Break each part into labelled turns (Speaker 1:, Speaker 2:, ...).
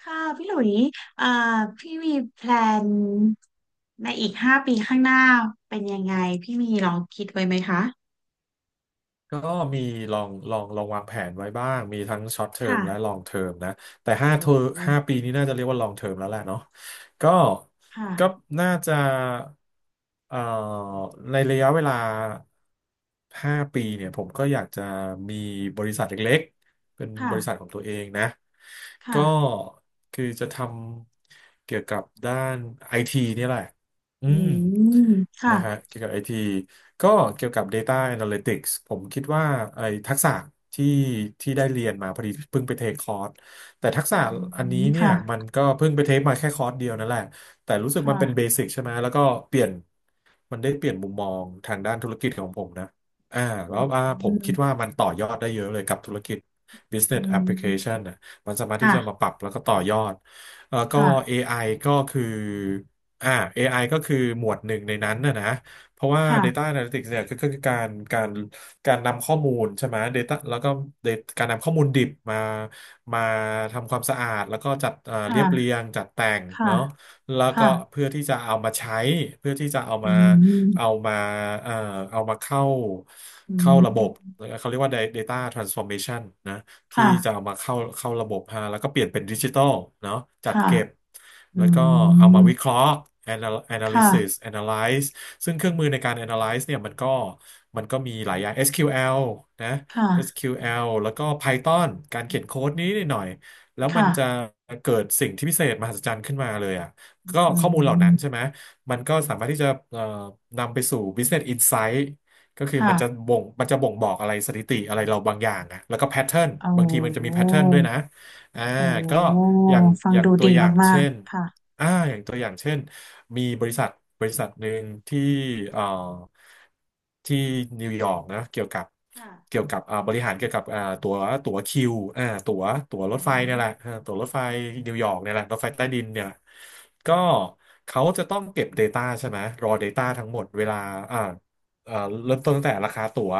Speaker 1: ค่ะพี่หลุยเอ่อพี่มีแพลนในอีก5 ปีข้างหน้าเป็นยังไงพี่มีลองคิดไว้ไหมคะ
Speaker 2: ก็มีลองวางแผนไว้บ้างมีทั้งช็อตเทอม
Speaker 1: ค่ะ
Speaker 2: และลองเทอมนะแต่ห้า
Speaker 1: โอ้
Speaker 2: เทอม
Speaker 1: โห
Speaker 2: ห้าปีนี้น่าจะเรียกว่าลองเทอมแล้วแหละเนาะก็ก็
Speaker 1: ค่ะ
Speaker 2: น่าจะเอ่อในระยะเวลาห้าปีเนี่ยผมก็อยากจะมีบริษัทเล็กๆเป็น
Speaker 1: ค่ะ
Speaker 2: บริษัทของตัวเองนะก็
Speaker 1: ค่ะ
Speaker 2: คือจะทำเกี่ยวกับด้านไอทีนี่ยแหละ อื
Speaker 1: อื
Speaker 2: ม
Speaker 1: มค่ะ
Speaker 2: นะฮะเกี่ยวกับไอทีก็เกี่ยวกับ Data Analytics ผมคิดว่าไอทักษะที่ที่ได้เรียนมาพอดีเพิ่งไปเทคคอร์สแต่ทักษะ
Speaker 1: อื
Speaker 2: อันนี้
Speaker 1: ม
Speaker 2: เนี่ยมัน
Speaker 1: ค่ะ
Speaker 2: ก็เพิ่งไปเทคมาแค่คอร์สเดียวนั่นแหละแต่รู้สึกมันเป็นเบ
Speaker 1: ค่ะ
Speaker 2: สิกใช่ไหมแล้วก็เปลี่ยนมันได้เปลี่ยนมุมมองทางด้านธุรกิจของผมนะอ่าแล้
Speaker 1: อื
Speaker 2: วผมคิ
Speaker 1: ม
Speaker 2: ดว่ามันต่อยอดได้เยอะเลยกับธุรกิจ
Speaker 1: อื
Speaker 2: Business Application
Speaker 1: ม
Speaker 2: นะมันสามารถที่จะมา
Speaker 1: ค่ะ
Speaker 2: ปรับแล้วก็ต่อยอดแล้วก็เอ
Speaker 1: ค่ะ
Speaker 2: ไอก็คือ อ่า AI ก็คือหมวดหนึ่งในนั้นนะเพราะว่า Data
Speaker 1: ค่ะ
Speaker 2: Analytics เนี่ยก็คือการการนำข้อมูลใช่ไหม Data แล้วก็ การนำข้อมูลดิบมามาทำความสะอาดแล้วก็จัดเรียบเรีย
Speaker 1: ค่ะ
Speaker 2: งจัดแต่ง
Speaker 1: ค่ะ
Speaker 2: เนาะแล้วก็
Speaker 1: ค่ะ
Speaker 2: เพื่อที่จะเอามาใช้เพื่อที่จะเอา
Speaker 1: อื
Speaker 2: มาเอา
Speaker 1: ม
Speaker 2: มาเอ่อเอามา
Speaker 1: อื
Speaker 2: เข้าระบบ
Speaker 1: ม
Speaker 2: เขาเรียกว่า Data Transformation นะ ที่
Speaker 1: ค่ะ
Speaker 2: จะเอามาเข้าระบบฮะแล้วก็เปลี่ยนเป็นดิจิตอลเนาะจัด
Speaker 1: ค่ะ
Speaker 2: เก็บ
Speaker 1: อื
Speaker 2: แล้วก็เอามาวิเค
Speaker 1: ม
Speaker 2: ราะห์ analysis
Speaker 1: ค่ะ
Speaker 2: analyze ซึ่งเครื่องมือในการ analyze เนี่ยมันก็มีหลายอย่าง SQL นะ
Speaker 1: ค่ะ
Speaker 2: SQL แอลแล้วก็ Python การเขียนโค้ดนี้นิดหน่อยแล้วมันจะ
Speaker 1: ค่ะ
Speaker 2: เกิดสิ่งที่พิเศษมหัศจรรย์ขึ้นมาเลยอ่ะก็
Speaker 1: อื
Speaker 2: ข้อมูลเหล่านั้นใช่
Speaker 1: ม
Speaker 2: ไหมมันก็สามารถที่จะนำไปสู่ Business Insight ก็คือ
Speaker 1: ค่ะ
Speaker 2: มันจะบ่งบอกอะไรสถิติอะไรเราบางอย่างอะแล้วก็แพทเทิร์น
Speaker 1: อ๋
Speaker 2: บางทีมันจะมี
Speaker 1: อ
Speaker 2: แพทเทิร์นด้วยนะอ่า
Speaker 1: โอ
Speaker 2: ก็
Speaker 1: ้
Speaker 2: อย่าง
Speaker 1: ฟัง
Speaker 2: อย่าง
Speaker 1: ดู
Speaker 2: ตั
Speaker 1: ดี
Speaker 2: วอย่าง
Speaker 1: มาก
Speaker 2: เช่น
Speaker 1: ๆ ค่ะ
Speaker 2: อ่าอย่างตัวอย่างเช่นมีบริษัทหนึ่งที่เอ่อที่นิวยอร์กนะเกี่ยวกับ
Speaker 1: ค่ะ
Speaker 2: เกี่ยวกับอ่าบริหารเกี่ยวกับอ่าตั๋วตั๋วคิวอ่าตั๋ว
Speaker 1: อื
Speaker 2: ตั๋วรถไฟ
Speaker 1: ม
Speaker 2: เนี่ยแหละอ่าตั๋วรถไฟ
Speaker 1: ค่ะ
Speaker 2: นิวยอร์กเนี่ยแหละรถไฟใต้ดินเนี่ยแหละก็เขาจะต้องเก็บ Data ใช่ไหม raw data ทั้งหมดเวลาอ่า เอ่อเริ่มต้นตั้งแต่ราคาตั๋ว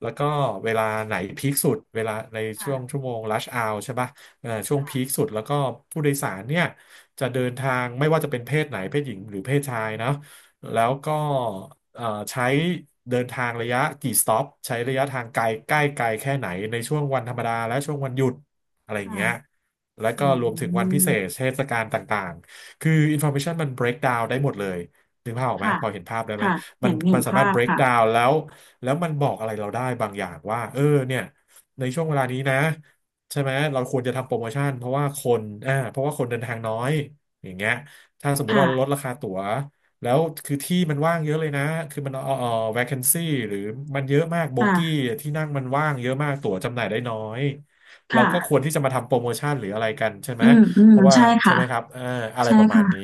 Speaker 2: แล้วก็เวลาไหนพีคสุดเวลาในช่วง
Speaker 1: ค่ะ
Speaker 2: ชั่วโมง rush hour ใช่ปะช่วงพี
Speaker 1: ค่ะ
Speaker 2: คสุดแล้วก็ผู้โดยสารเนี่ยจะเดินทางไม่ว่าจะเป็นเพศไหนเพศหญิงหรือเพศชายนะแล้วก็เอ่อใช้เดินทางระยะกี่สต็อปใช้ระยะทางไกลใกล้ไก
Speaker 1: ค่ะ
Speaker 2: ลแค่ไหนในช่วงวันธรรมดาและช่วงวันหยุดอะไรอย่าง
Speaker 1: ค่ะ
Speaker 2: เงี้ยแล้ว
Speaker 1: อื
Speaker 2: ก็รวมถึงวันพิเศ
Speaker 1: ม
Speaker 2: ษเทศกาลต่างๆคือ information มัน break down ได้หมดเลยนึกภาพออกไหม
Speaker 1: ค่ะ
Speaker 2: พอเห็นภาพได้ไหม
Speaker 1: ค่ะเห็นเห็
Speaker 2: มั
Speaker 1: น
Speaker 2: นสามา
Speaker 1: ภา
Speaker 2: รถ
Speaker 1: พ
Speaker 2: break
Speaker 1: ค่ะ
Speaker 2: down แล้วแล้วมันบอกอะไรเราได้บางอย่างว่าเออเนี่ยในช่วงเวลานี้นะใช่ไหมเราควรจะทำโปรโมชั่นเพราะว่าคนอ่าเพราะว่าคนเดินทางน้อยอย่างเงี้ยถ้าสมมติเราลด
Speaker 1: ค่ะ
Speaker 2: ราคาตั๋วแล้วคือที่มันว่างเยอะเลยนะคือมันvacancy หรือมันเยอะมากโบกี้
Speaker 1: ค่ะ
Speaker 2: ที่นั่งมันว่างเยอะมากตั๋วจำหน่ายได้น้อยเรา
Speaker 1: ค่ะ
Speaker 2: ก็ควรที่จะมาทำโปรโมชั่นหรืออะไรกันใช่ไห
Speaker 1: อื
Speaker 2: ม
Speaker 1: มอืม
Speaker 2: เพราะว่า
Speaker 1: ใช่
Speaker 2: ใช่
Speaker 1: ค่ะ
Speaker 2: ไหมครับเอออะไร
Speaker 1: ใช่
Speaker 2: ประมาณ
Speaker 1: ค่ะ
Speaker 2: นี้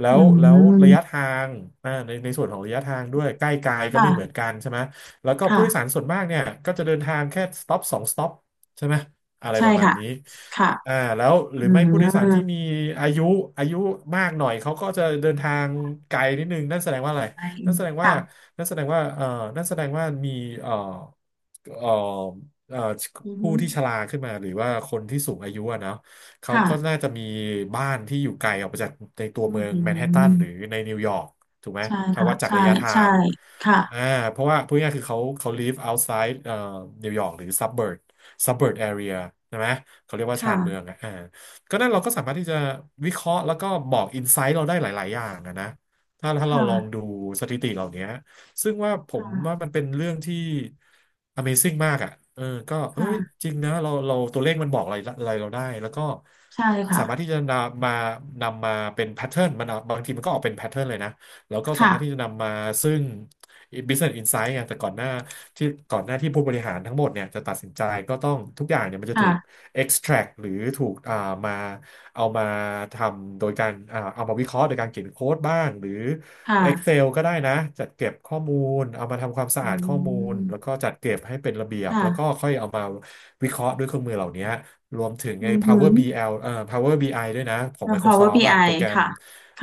Speaker 1: อื
Speaker 2: แล้ว
Speaker 1: ม
Speaker 2: ระยะทางอ่าในในส่วนของระยะทางด้วยใกล้ไกลก็ไม่เหมือน
Speaker 1: ค่ะ
Speaker 2: กันใช่ไหม แล้วก็ผู้
Speaker 1: ค่ะ
Speaker 2: โดยสารส่วนมากเนี่ยก็จะเดินทางแค่สต็อปสองสต็อปใช่ไหมอะไร
Speaker 1: ใช่
Speaker 2: ประมาณ
Speaker 1: ค่ะ
Speaker 2: นี้
Speaker 1: ค่ะ
Speaker 2: อ่าแล้วหรือ
Speaker 1: อื
Speaker 2: ไม่ผู้โดยสารที่
Speaker 1: ม
Speaker 2: มีอายุอายุมากหน่อยเขาก็จะเดินทางไกลนิดนึงนั่นแสดงว่าอะไร
Speaker 1: ใช่
Speaker 2: นั่นแสดงว่า
Speaker 1: ค่ะ
Speaker 2: นั่นแสดงว่านั่นแสดงว่ามีเอ่อเอ่อเอ่อ
Speaker 1: อื
Speaker 2: ผู้ที่ช
Speaker 1: ม
Speaker 2: ราขึ้นมาหรือว่าคนที่สูงอายุอะเนาะ เขาก็
Speaker 1: ค่ะ
Speaker 2: น่าจะมีบ้านที่อยู่ไกลออกไปจากในตัว
Speaker 1: อื
Speaker 2: เมืองแมนฮัตตัน
Speaker 1: ม
Speaker 2: หรือในนิวยอร์กถูกไหม
Speaker 1: ใช่
Speaker 2: ถ้า
Speaker 1: ค่ะ
Speaker 2: วัดจาก
Speaker 1: ใช่
Speaker 2: ระยะทา
Speaker 1: ใช่
Speaker 2: งอ่า
Speaker 1: ค่ะ
Speaker 2: เพราะว่าพูดง่ายๆคือเขา live outside นิวยอร์กหรือ suburb area ใช่ไหมเขาเรียกว่า
Speaker 1: ค่ะ
Speaker 2: ชานเมืองอะก็นั่นเราก็สามารถที่จะวิเคราะห์แล้วก็บอกอินไซต์เราได้หลายๆ อย่างอะนะถ้า
Speaker 1: ค
Speaker 2: ถ้าเราลองดู
Speaker 1: ่ะ
Speaker 2: สถิติเหล่านี้ ซึ่งว่าผมว่า
Speaker 1: ค่ะ
Speaker 2: มันเป็นเรื่องที่ Amazing มากอ่ะเออก็เอ้ย
Speaker 1: ค่ะ
Speaker 2: จริงนะเราตัวเลขมันบอกอะไรอะไรเราได้ แล้วก็
Speaker 1: ใช่ค่ะ
Speaker 2: สามารถที่จะนำมาเป็นแพทเทิร์นมันเอาบางทีมันก็ออกเป็นแพทเทิร์นเลยนะ แล้วก็สา
Speaker 1: ค่ะ
Speaker 2: มารถที่จะนำมาซึ่ง Business Insight ไงแต่ก่อนหน้าที่ผู้บริหารทั้งหมดเนี่ยจะตัดสินใจก็ต้องทุกอย่างเนี่ยมันจะถู
Speaker 1: ค่ะ
Speaker 2: ก extract หรือถูกมาเอามาทำโดยการเอามาวิเคราะห์โดยการเขียนโค้ดบ้างหรือ
Speaker 1: ค่ะ
Speaker 2: Excel ก็ได้นะจัดเก็บข้อมูลเอามาทำความสะ
Speaker 1: อื
Speaker 2: อาดข้อมูลแล้วก็
Speaker 1: ม
Speaker 2: จัดเก็บให้เป็นระเบียบแล้วก็
Speaker 1: ค่ะ
Speaker 2: ค่อยเอามาวิเคราะห์ด้วยเครื่องมือเหล่านี้รวมถึงไอ้
Speaker 1: อือหือ
Speaker 2: Power BL Power บีไ i ด้วยนะของ
Speaker 1: แล้ว Power
Speaker 2: Microsoft
Speaker 1: i
Speaker 2: อะโปรแกรม
Speaker 1: ค่ะค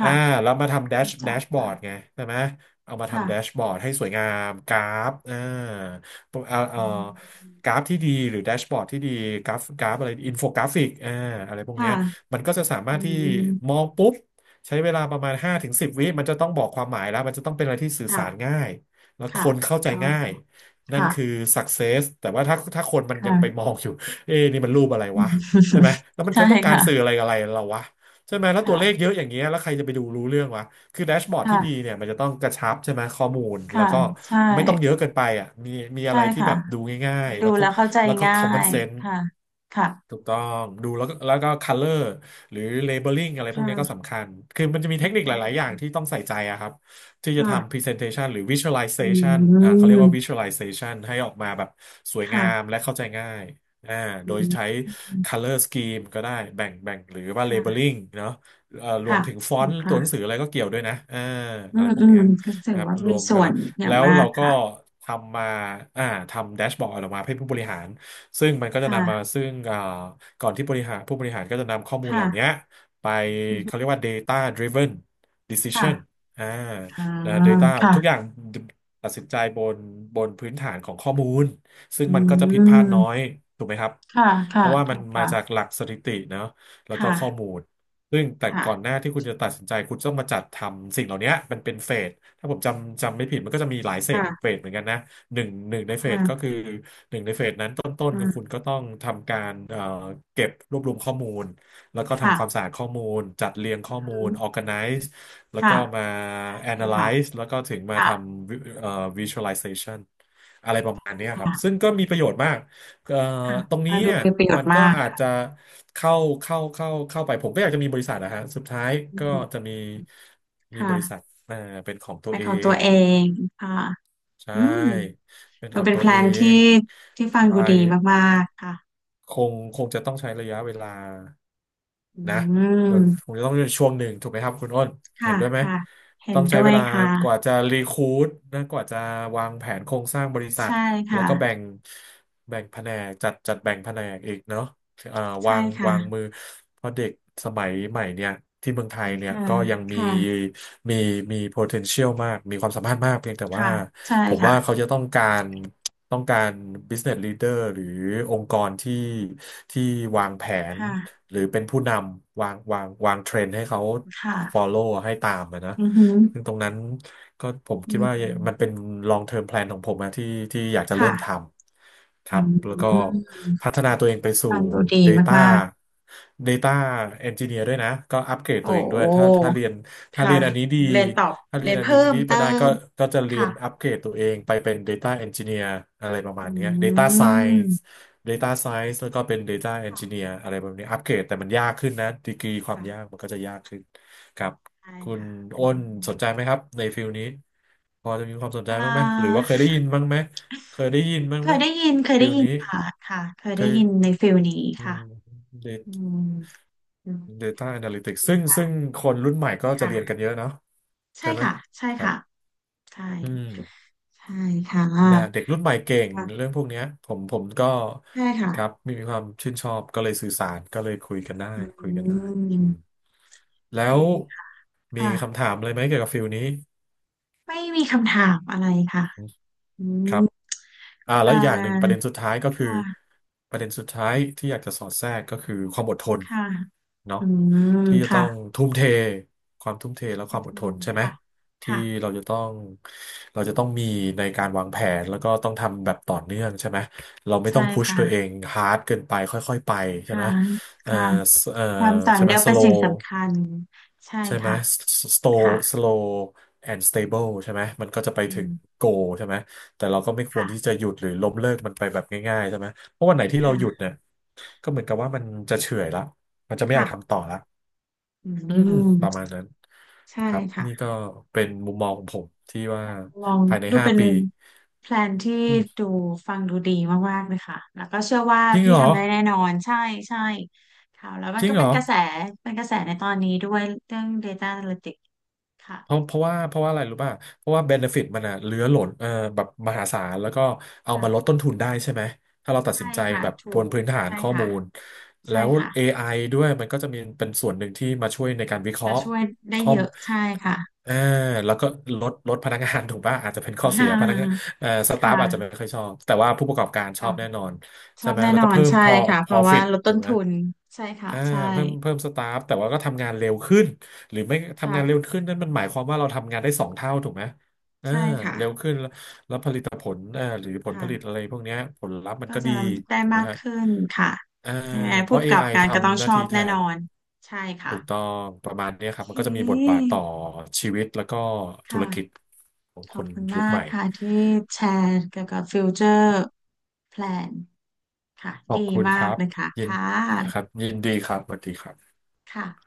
Speaker 2: อ่า
Speaker 1: ่ะ
Speaker 2: แล้วมาทำ
Speaker 1: รู้
Speaker 2: แด
Speaker 1: จัก
Speaker 2: ชบอร์ด
Speaker 1: ค่ะ
Speaker 2: ไงใช่ไหมเอามาทำแดช
Speaker 1: ค่ะ
Speaker 2: บอร์ดให้สวยงามกราฟเออ
Speaker 1: อืม
Speaker 2: กราฟที่ดีหรือแดชบอร์ดที่ดีกราฟอะไรอินโฟกราฟิกอะไรพว
Speaker 1: ค
Speaker 2: กเนี้ย
Speaker 1: ่ะ
Speaker 2: มันก็จะสามา
Speaker 1: อื
Speaker 2: รถที่ม
Speaker 1: ม
Speaker 2: องปุ๊บ ใช้เวลาประมาณ5 ถึง 10 วิมันจะต้องบอกความหมายแล้วมันจะต้องเป็นอะไรที่สื่อ
Speaker 1: ค่ะ
Speaker 2: สารง่ายแล้วค
Speaker 1: ค่ะ
Speaker 2: นเข้าใจ
Speaker 1: อ๋อ
Speaker 2: ง่ายนั่น
Speaker 1: ค่ะ
Speaker 2: คือ success แต่ว่าถ้าคนมันยังไป
Speaker 1: ค่ะ
Speaker 2: มองอยู่เอ๊ะนี่มันรูปอะไรวะใช่ไหม แล้วมัน
Speaker 1: ใช่
Speaker 2: จะต้องการ
Speaker 1: ค่ะ
Speaker 2: สื่ออะไรกับอะไรเราวะใช่ไหมแล้วตัวเลข
Speaker 1: ค่ะ
Speaker 2: เยอะอย่างเงี้ยแล้วใครจะไปดูรู้เรื่องวะคือแดชบอร์ดที่ดี
Speaker 1: ค่ะ
Speaker 2: เนี่ยมันจะต้องกระชับใช่ไหมข้อมูลแล้
Speaker 1: ค่ะ
Speaker 2: วก็
Speaker 1: ใช่
Speaker 2: ไม่ต้องเยอะเกินไปอ่ะมีอะ
Speaker 1: ใช่
Speaker 2: ไรที่
Speaker 1: ค่ะ
Speaker 2: แบบดูง่ายๆ
Speaker 1: ดู
Speaker 2: แล้วก็
Speaker 1: แล้วเข้าใจง่า
Speaker 2: common
Speaker 1: ย
Speaker 2: sense
Speaker 1: ค่ะค่ะ
Speaker 2: ถูกต้องดูแล้วก็color หรือ labeling อะไรพวกนี้ก็
Speaker 1: ค่ะ
Speaker 2: สำคัญ คือมันจะมีเท
Speaker 1: ถู
Speaker 2: ค
Speaker 1: ก
Speaker 2: นิคห
Speaker 1: ต้อง
Speaker 2: ลาย ๆ อย่างที่
Speaker 1: ค่ะ
Speaker 2: ต้องใส่ใจอะครับที่จะทำ
Speaker 1: ค่ะ
Speaker 2: presentation หรือ
Speaker 1: อื
Speaker 2: visualization เขาเรียกว่า
Speaker 1: ม
Speaker 2: visualization ให้ออกมาแบบสวยงาม
Speaker 1: ค่ะ
Speaker 2: และเข้าใจง่ายอ่าโด
Speaker 1: อื
Speaker 2: ยใช้
Speaker 1: ม
Speaker 2: color scheme ก็ได้แบ่งหรือว่า
Speaker 1: ค่ะ
Speaker 2: labeling เนาะรวม
Speaker 1: ค่ะ
Speaker 2: ถึงฟอ
Speaker 1: ถู
Speaker 2: น
Speaker 1: ก
Speaker 2: ต์ตัวหนั
Speaker 1: ค่ะ
Speaker 2: งสืออะไรก็เกี่ยวด้วยนะ
Speaker 1: อื
Speaker 2: อะไร
Speaker 1: ม
Speaker 2: พว
Speaker 1: อื
Speaker 2: ก
Speaker 1: ม
Speaker 2: เนี้ย
Speaker 1: ก็ถื
Speaker 2: นะ
Speaker 1: อ
Speaker 2: ครับ
Speaker 1: ว่า
Speaker 2: ร
Speaker 1: มี
Speaker 2: วม
Speaker 1: ส่
Speaker 2: กัน
Speaker 1: ว
Speaker 2: แล้
Speaker 1: น
Speaker 2: ว
Speaker 1: อย่าง
Speaker 2: แล้ว
Speaker 1: มา
Speaker 2: เรา
Speaker 1: ก
Speaker 2: ก็
Speaker 1: ค่ะ
Speaker 2: ทำมาอ่าทำแดชบอร์ดออกมาให้ผู้บริหาร ซึ่งมันก็จะนำมา
Speaker 1: ค่ะ
Speaker 2: ซึ่งก่อนที่บริหารผู้บริหารก็จะนำข้อมูลเหล่านี้
Speaker 1: ค่ะ
Speaker 2: ไป
Speaker 1: อืม
Speaker 2: เขาเรียกว่า data driven
Speaker 1: ค่ะ
Speaker 2: decision อ่า
Speaker 1: ค่ะ
Speaker 2: นะ data
Speaker 1: ค่ะ
Speaker 2: ทุกอย่างตัดสินใจบนพื้นฐานของข้อมูลซึ่ง
Speaker 1: อื
Speaker 2: มันก็จะผิดพลาดน้อย
Speaker 1: ม
Speaker 2: ถูกไหมครับ
Speaker 1: ค่ะ
Speaker 2: เพ
Speaker 1: ค่ะ
Speaker 2: ราะว่า
Speaker 1: ถู
Speaker 2: มัน
Speaker 1: ก
Speaker 2: มาจาก
Speaker 1: ค่ะ
Speaker 2: หลักสถิติเนอะแล้วก็ข้อ
Speaker 1: ค่ะ
Speaker 2: มูลซึ่งแต่ก่อนห
Speaker 1: ค่ะ
Speaker 2: น้าที่คุณจะตัดสินใจคุณต้องมาจัดทำสิ่งเหล่านี้มันเป็นเฟสถ้าผมจำไม่ผิดมันก็จะมีหลายเฟส
Speaker 1: ค่ะ
Speaker 2: เหมือนกันนะหนึ่งในเฟสก็คื
Speaker 1: ค่ะ
Speaker 2: อ ต้นคือคุณ
Speaker 1: ค่ะ
Speaker 2: ก็ต้องทำการเก็บรวบรวมข้อมูลแล้วก็ทำความ
Speaker 1: ค่ะ
Speaker 2: สะอาดข้อมูลจัดเรียงข้อมู
Speaker 1: อื
Speaker 2: ล
Speaker 1: ม
Speaker 2: organize แล้ว
Speaker 1: ค่ะ
Speaker 2: ก็มา
Speaker 1: ใช่ค่ะ
Speaker 2: analyze แล้วก็ถึงมา
Speaker 1: ค่ะ
Speaker 2: ทำวิvisualization อะไรประมาณเนี้ยครับซึ่
Speaker 1: ค่ะ
Speaker 2: งก็มีประโยชน์มากเอ่อ
Speaker 1: ค่ะ
Speaker 2: ตรงนี้
Speaker 1: อ่าดู
Speaker 2: เนี่ย
Speaker 1: มีประโยช
Speaker 2: มัน
Speaker 1: น์
Speaker 2: ก็
Speaker 1: มาก
Speaker 2: อาจจะ
Speaker 1: ค่ะ
Speaker 2: เข้าเข้าไปผมก็อยากจะมีบริษัทนะฮะสุดท้าย
Speaker 1: อื
Speaker 2: ก็
Speaker 1: ม
Speaker 2: จะมีบ
Speaker 1: ค่ะ
Speaker 2: ริษัทอ่าเป็นของตั
Speaker 1: ไป
Speaker 2: ว
Speaker 1: น
Speaker 2: เอ
Speaker 1: ของตัว
Speaker 2: ง
Speaker 1: เองค่ะ
Speaker 2: ใช
Speaker 1: อืม
Speaker 2: ่เป็น
Speaker 1: มั
Speaker 2: ข
Speaker 1: น
Speaker 2: อง
Speaker 1: เป็น
Speaker 2: ตั
Speaker 1: แพ
Speaker 2: ว
Speaker 1: ล
Speaker 2: เอ
Speaker 1: นที่
Speaker 2: ง
Speaker 1: ที่ฟัง
Speaker 2: ใช
Speaker 1: ดูดีมากๆค่ะ
Speaker 2: คงคงจะต้องใช้ระยะเวลา
Speaker 1: อื
Speaker 2: นะโด
Speaker 1: ม
Speaker 2: นคงจะต้องช่วงหนึ่งถูกไหมครับคุณอ้น เห็
Speaker 1: ค่ะ
Speaker 2: นด้วยไหม
Speaker 1: ค่ะเห็
Speaker 2: ต้
Speaker 1: น
Speaker 2: องใช้
Speaker 1: ด้ว
Speaker 2: เว
Speaker 1: ย
Speaker 2: ลากว่า
Speaker 1: ค่ะ
Speaker 2: จะรีค u ู t นะกว่าจะวางแผนโครงสร้างบริษัท
Speaker 1: ใช่
Speaker 2: แล้
Speaker 1: ค่ะ
Speaker 2: วก็แบ่งแผนกจัดแบ่งแผนกอีกเนาะ เอ่อ
Speaker 1: ใช่ค่ะ
Speaker 2: วางมือเพราะเด็กสมัยใหม่เนี่ยที่เมืองไทยเนี่ย
Speaker 1: ค่ะ
Speaker 2: ก็ยังมี
Speaker 1: ค่ะ
Speaker 2: มีมี potential มากมีความสามารถมากเพียงแต่ว่า
Speaker 1: ค่ะใช่
Speaker 2: ผม
Speaker 1: ค่ะ
Speaker 2: ว่าเขาจะต้องการต้องการ business leader หรือองค์กรที่วางแผน
Speaker 1: ค่ะ
Speaker 2: หรือเป็นผู้นำวางเทรนด์ให้เขา
Speaker 1: ค่ะ
Speaker 2: follow ให้ตามอะนะ
Speaker 1: อือหือ
Speaker 2: ซึ่งตรงนั้นก็ผมคิ
Speaker 1: อื
Speaker 2: ดว่ามันเป็
Speaker 1: ม
Speaker 2: น long term plan ของผมนะที่อยากจะเริ่
Speaker 1: ค่ะ
Speaker 2: มทำ ค
Speaker 1: อื
Speaker 2: รับแล้วก็
Speaker 1: ม
Speaker 2: พัฒนาตัวเองไปสู่
Speaker 1: ฟังดูดี
Speaker 2: Data
Speaker 1: มาก
Speaker 2: Data Engineer ด้วยนะก็อัปเกร
Speaker 1: ๆ
Speaker 2: ด
Speaker 1: โอ้
Speaker 2: ตัวเองด้
Speaker 1: โห
Speaker 2: วยถ้าเรียนถ้า
Speaker 1: ค่ะ
Speaker 2: เรียนอันนี้ดี
Speaker 1: เรียนตอบ
Speaker 2: ถ้าเรี
Speaker 1: เรี
Speaker 2: ยน
Speaker 1: ยน
Speaker 2: อัน
Speaker 1: เพิ่
Speaker 2: นี้
Speaker 1: ม
Speaker 2: ดี
Speaker 1: เติ
Speaker 2: มาได้ก็
Speaker 1: ม
Speaker 2: ก็จะเรียนอั
Speaker 1: ค่ะ
Speaker 2: ปเกรดตัวเองไปเป็น Data Engineer อะไรประมา
Speaker 1: อื
Speaker 2: ณเนี้ย Data Science
Speaker 1: ม
Speaker 2: Data Science แล้วก็เป็น Data
Speaker 1: ค่ะ
Speaker 2: Engineer อะไรแบบนี้อัปเกรดแต่มันยากขึ้นนะดีกรีความยาก
Speaker 1: ค่ะ
Speaker 2: มันก็จะยากขึ้นครับ
Speaker 1: ใช่
Speaker 2: คุณ
Speaker 1: ค่ะอัน
Speaker 2: อ้น
Speaker 1: นี้
Speaker 2: สนใจไหมครับในฟิลนี้พอจะมีความสนใจ
Speaker 1: เอ่
Speaker 2: บ้างไหมหรือ
Speaker 1: อ
Speaker 2: ว่าเคยได้ยินบ้างไหมเคยได้ยินบ้าง
Speaker 1: เค
Speaker 2: ไหม
Speaker 1: ยได้ยินเคย
Speaker 2: ฟิ
Speaker 1: ได้
Speaker 2: ล
Speaker 1: ยิน
Speaker 2: นี้
Speaker 1: ค่ะค่ะเคย
Speaker 2: เค
Speaker 1: ได้ยินใน
Speaker 2: ย
Speaker 1: ฟิลนี้
Speaker 2: อื
Speaker 1: ค่ะ
Speaker 2: ม
Speaker 1: อื
Speaker 2: Data
Speaker 1: มอืม
Speaker 2: Data Analytics
Speaker 1: ดี
Speaker 2: ซึ่ง
Speaker 1: ค่ะ
Speaker 2: ซึ่งคนรุ่นใหม่ก็จะเรียนกัน
Speaker 1: ค่ะ
Speaker 2: เยอะเนาะ
Speaker 1: ใช่
Speaker 2: ใช่ไหม
Speaker 1: ค่ะใช่
Speaker 2: ครับ
Speaker 1: ค่ะ ใช่
Speaker 2: อืม
Speaker 1: ใช่ค่ะ
Speaker 2: แต่เด็กรุ่นใหม่เก่ง
Speaker 1: ค่ะ
Speaker 2: เรื่องพวกเนี้ยผมก็
Speaker 1: ใช่ค่ะ
Speaker 2: ครับมีความชื่นชอบก็เลยสื่อสารก็เลยคุยกันได้
Speaker 1: อื
Speaker 2: คุยกันได้อื
Speaker 1: ม
Speaker 2: ม
Speaker 1: โอ
Speaker 2: แล้
Speaker 1: เค
Speaker 2: วมีคำ
Speaker 1: ค่ะ
Speaker 2: ถามอะไรไหมเกี่ยวกับฟิลนี้
Speaker 1: ไม่มีคำถามอะไรค่ะอื
Speaker 2: ครั
Speaker 1: ม
Speaker 2: บอ่าแล้
Speaker 1: อ่
Speaker 2: วอีกอย่างหนึ่งประเด็
Speaker 1: า
Speaker 2: นสุดท้ายก็
Speaker 1: ค
Speaker 2: คือ
Speaker 1: ่ะ
Speaker 2: ประเด็นสุดท้ายที่อยากจะสอดแทรกก็คือความอดทน
Speaker 1: ค่ะ
Speaker 2: เนาะ
Speaker 1: อืม
Speaker 2: ที่จะต้
Speaker 1: ค่ะ
Speaker 2: องทุ่มเทความทุ่มเทและ
Speaker 1: อื
Speaker 2: ความอดท
Speaker 1: ม
Speaker 2: นใช่ไหม
Speaker 1: ค่ะ
Speaker 2: ที่
Speaker 1: ค่ะ
Speaker 2: เราจะต้องเราจะต้องมีในการวางแผนแล้วก็ต้องทำแบบต่อเนื่องใช่ไหมเราไม่
Speaker 1: ใช่
Speaker 2: ต้องพุช
Speaker 1: ค่ะ
Speaker 2: ตัวเองฮาร์ดเกินไปค่อยๆไปใช่
Speaker 1: ค่ะ
Speaker 2: ไหมเอ่อ
Speaker 1: ค่ะ
Speaker 2: เอ่อ
Speaker 1: ความต่อ
Speaker 2: ใช่ไหม
Speaker 1: เนื่อง
Speaker 2: ส
Speaker 1: เป็น
Speaker 2: โล
Speaker 1: สิ่งสำคัญใช่
Speaker 2: ใช่ไหม
Speaker 1: ค่ะ
Speaker 2: slow
Speaker 1: ค่ะ
Speaker 2: slow and stable ใช่ไหมมันก็จะไป
Speaker 1: อื
Speaker 2: ถึง
Speaker 1: ม
Speaker 2: goal ใช่ไหม แต่เราก็ไม่ควรที่
Speaker 1: ค่ะ
Speaker 2: จะหยุดหรือล้มเลิกมันไปแบบง่ายๆใช่ไหม เพราะวันไหนที่เราหยุด
Speaker 1: ค่ะ
Speaker 2: เนี่ยก็เหมือนกับว่ามันจะเฉื่อยละมันจะไม่อยากทำ
Speaker 1: ค่ะ
Speaker 2: ต่อละ
Speaker 1: อื
Speaker 2: อืมประ
Speaker 1: ม
Speaker 2: มาณนั้น
Speaker 1: ใช่
Speaker 2: ครับ นี่
Speaker 1: ค่ะ
Speaker 2: ก็เป็นมุมมองของผมที่ว่า
Speaker 1: ลอง
Speaker 2: ภายใน
Speaker 1: ดู
Speaker 2: ห้า
Speaker 1: เป็น
Speaker 2: ปี
Speaker 1: แพลนที่
Speaker 2: อืม
Speaker 1: ดูฟังดูดีมากๆเลยค่ะ แล้วก็เชื่อว่า
Speaker 2: จริง
Speaker 1: พี่
Speaker 2: เหรอ
Speaker 1: ทำได้แน่นอนใช่ใช่ค่ะแล้วมั
Speaker 2: จ
Speaker 1: น
Speaker 2: ริ
Speaker 1: ก็
Speaker 2: งเหร
Speaker 1: เป็น
Speaker 2: อ
Speaker 1: กระแสเป็นกระแสในตอนนี้ด้วยเรื่อง Data Analytics
Speaker 2: เพราะ
Speaker 1: ค่ะ
Speaker 2: เพราะว่าเพราะว่าอะไรรู้ป่ะเพราะว่าเบนฟิตมันอะเหลือหล่นเออแบบมหาศาลแล้วก็เอา
Speaker 1: ค่ะ
Speaker 2: มาลดต้นทุนได้ใช่ไหมถ้าเราตัดสิ
Speaker 1: ใช่
Speaker 2: นใจ
Speaker 1: ค่ะ
Speaker 2: แบบ
Speaker 1: ถู
Speaker 2: บน
Speaker 1: ก
Speaker 2: พื้นฐาน
Speaker 1: ใช่
Speaker 2: ข้อ
Speaker 1: ค่ะ
Speaker 2: มูล
Speaker 1: ใช่
Speaker 2: แล้ว
Speaker 1: ค่ะ
Speaker 2: AI ด้วยมันก็จะมีเป็นส่วนหนึ่งที่มาช่วยในการวิเค
Speaker 1: จะ
Speaker 2: ราะห์
Speaker 1: ช่วยได้
Speaker 2: ข้อ
Speaker 1: เย
Speaker 2: ม
Speaker 1: อะใช่ค่ะ
Speaker 2: เอาแล้วก็ลดพนักงาน ถูกป่ะอาจจะเป็นข้ อเสีย
Speaker 1: ค่ะ
Speaker 2: พนักงานเอ่อสตา
Speaker 1: ค่
Speaker 2: ฟอาจจะไม่
Speaker 1: ะ
Speaker 2: ค่อยชอบแต่ว่าผู้ประกอบการชอ
Speaker 1: ค่ะ
Speaker 2: บแน่นอน
Speaker 1: ช
Speaker 2: ใช่
Speaker 1: อบ
Speaker 2: ไหม
Speaker 1: แน่
Speaker 2: แล้ว
Speaker 1: นอ
Speaker 2: ก็
Speaker 1: น
Speaker 2: เพิ่ม
Speaker 1: ใช่
Speaker 2: พอ
Speaker 1: ค่ะเพราะว่า
Speaker 2: profit
Speaker 1: ลด
Speaker 2: ถู
Speaker 1: ต้น
Speaker 2: กไหม
Speaker 1: ทุนใช่ค่ะ
Speaker 2: อ่า
Speaker 1: ใช่
Speaker 2: เพิ่มสตาฟแต่ว่าก็ทำงานเร็วขึ้น หรือไม่ทำ
Speaker 1: ค่ะ
Speaker 2: งานเร็วขึ้นนั่นมันหมายความว่าเราทำงานได้2 เท่าถูกไหมเออ
Speaker 1: ใช่ค่ะ
Speaker 2: เร็วขึ้นแล้วแต่ผลหรือผลผ
Speaker 1: ค่ะ
Speaker 2: ลิตอะไรพวกเนี้ยผลลัพธ์มัน
Speaker 1: ก็
Speaker 2: ก็ดี
Speaker 1: จะได้
Speaker 2: ถูกไหม
Speaker 1: มาก
Speaker 2: ฮะ
Speaker 1: ขึ้นค่ะ
Speaker 2: เออ
Speaker 1: ยังไง
Speaker 2: เพ
Speaker 1: ผู้ก
Speaker 2: ราะ
Speaker 1: รกับ
Speaker 2: AI
Speaker 1: การก็ต้อง
Speaker 2: ทำห
Speaker 1: ช
Speaker 2: น้า
Speaker 1: อ
Speaker 2: ที่
Speaker 1: บ
Speaker 2: แท
Speaker 1: แน่น
Speaker 2: น
Speaker 1: อน ใช่ค่ะ
Speaker 2: ถูกต้องประมาณเนี้ยค
Speaker 1: โอ
Speaker 2: รับ
Speaker 1: เค
Speaker 2: มันก็จะมีบทบาทต่อชีวิตแล้วก็ธุ
Speaker 1: ค่ะ
Speaker 2: รกิจของ
Speaker 1: ข
Speaker 2: ค
Speaker 1: อบ
Speaker 2: น
Speaker 1: คุณ
Speaker 2: ยุ
Speaker 1: มา
Speaker 2: คให
Speaker 1: ก
Speaker 2: ม่
Speaker 1: ค่ะที่แชร์เกี่ยวกับฟิวเจอร์แพลนค่ะ
Speaker 2: ขอ
Speaker 1: ดี
Speaker 2: บคุณ
Speaker 1: มา
Speaker 2: ค
Speaker 1: ก
Speaker 2: รับ
Speaker 1: เลยค่ะ
Speaker 2: ยิน
Speaker 1: ค่
Speaker 2: ค
Speaker 1: ะ
Speaker 2: รับยินดีครับสวัสดีครับ
Speaker 1: ค่ะ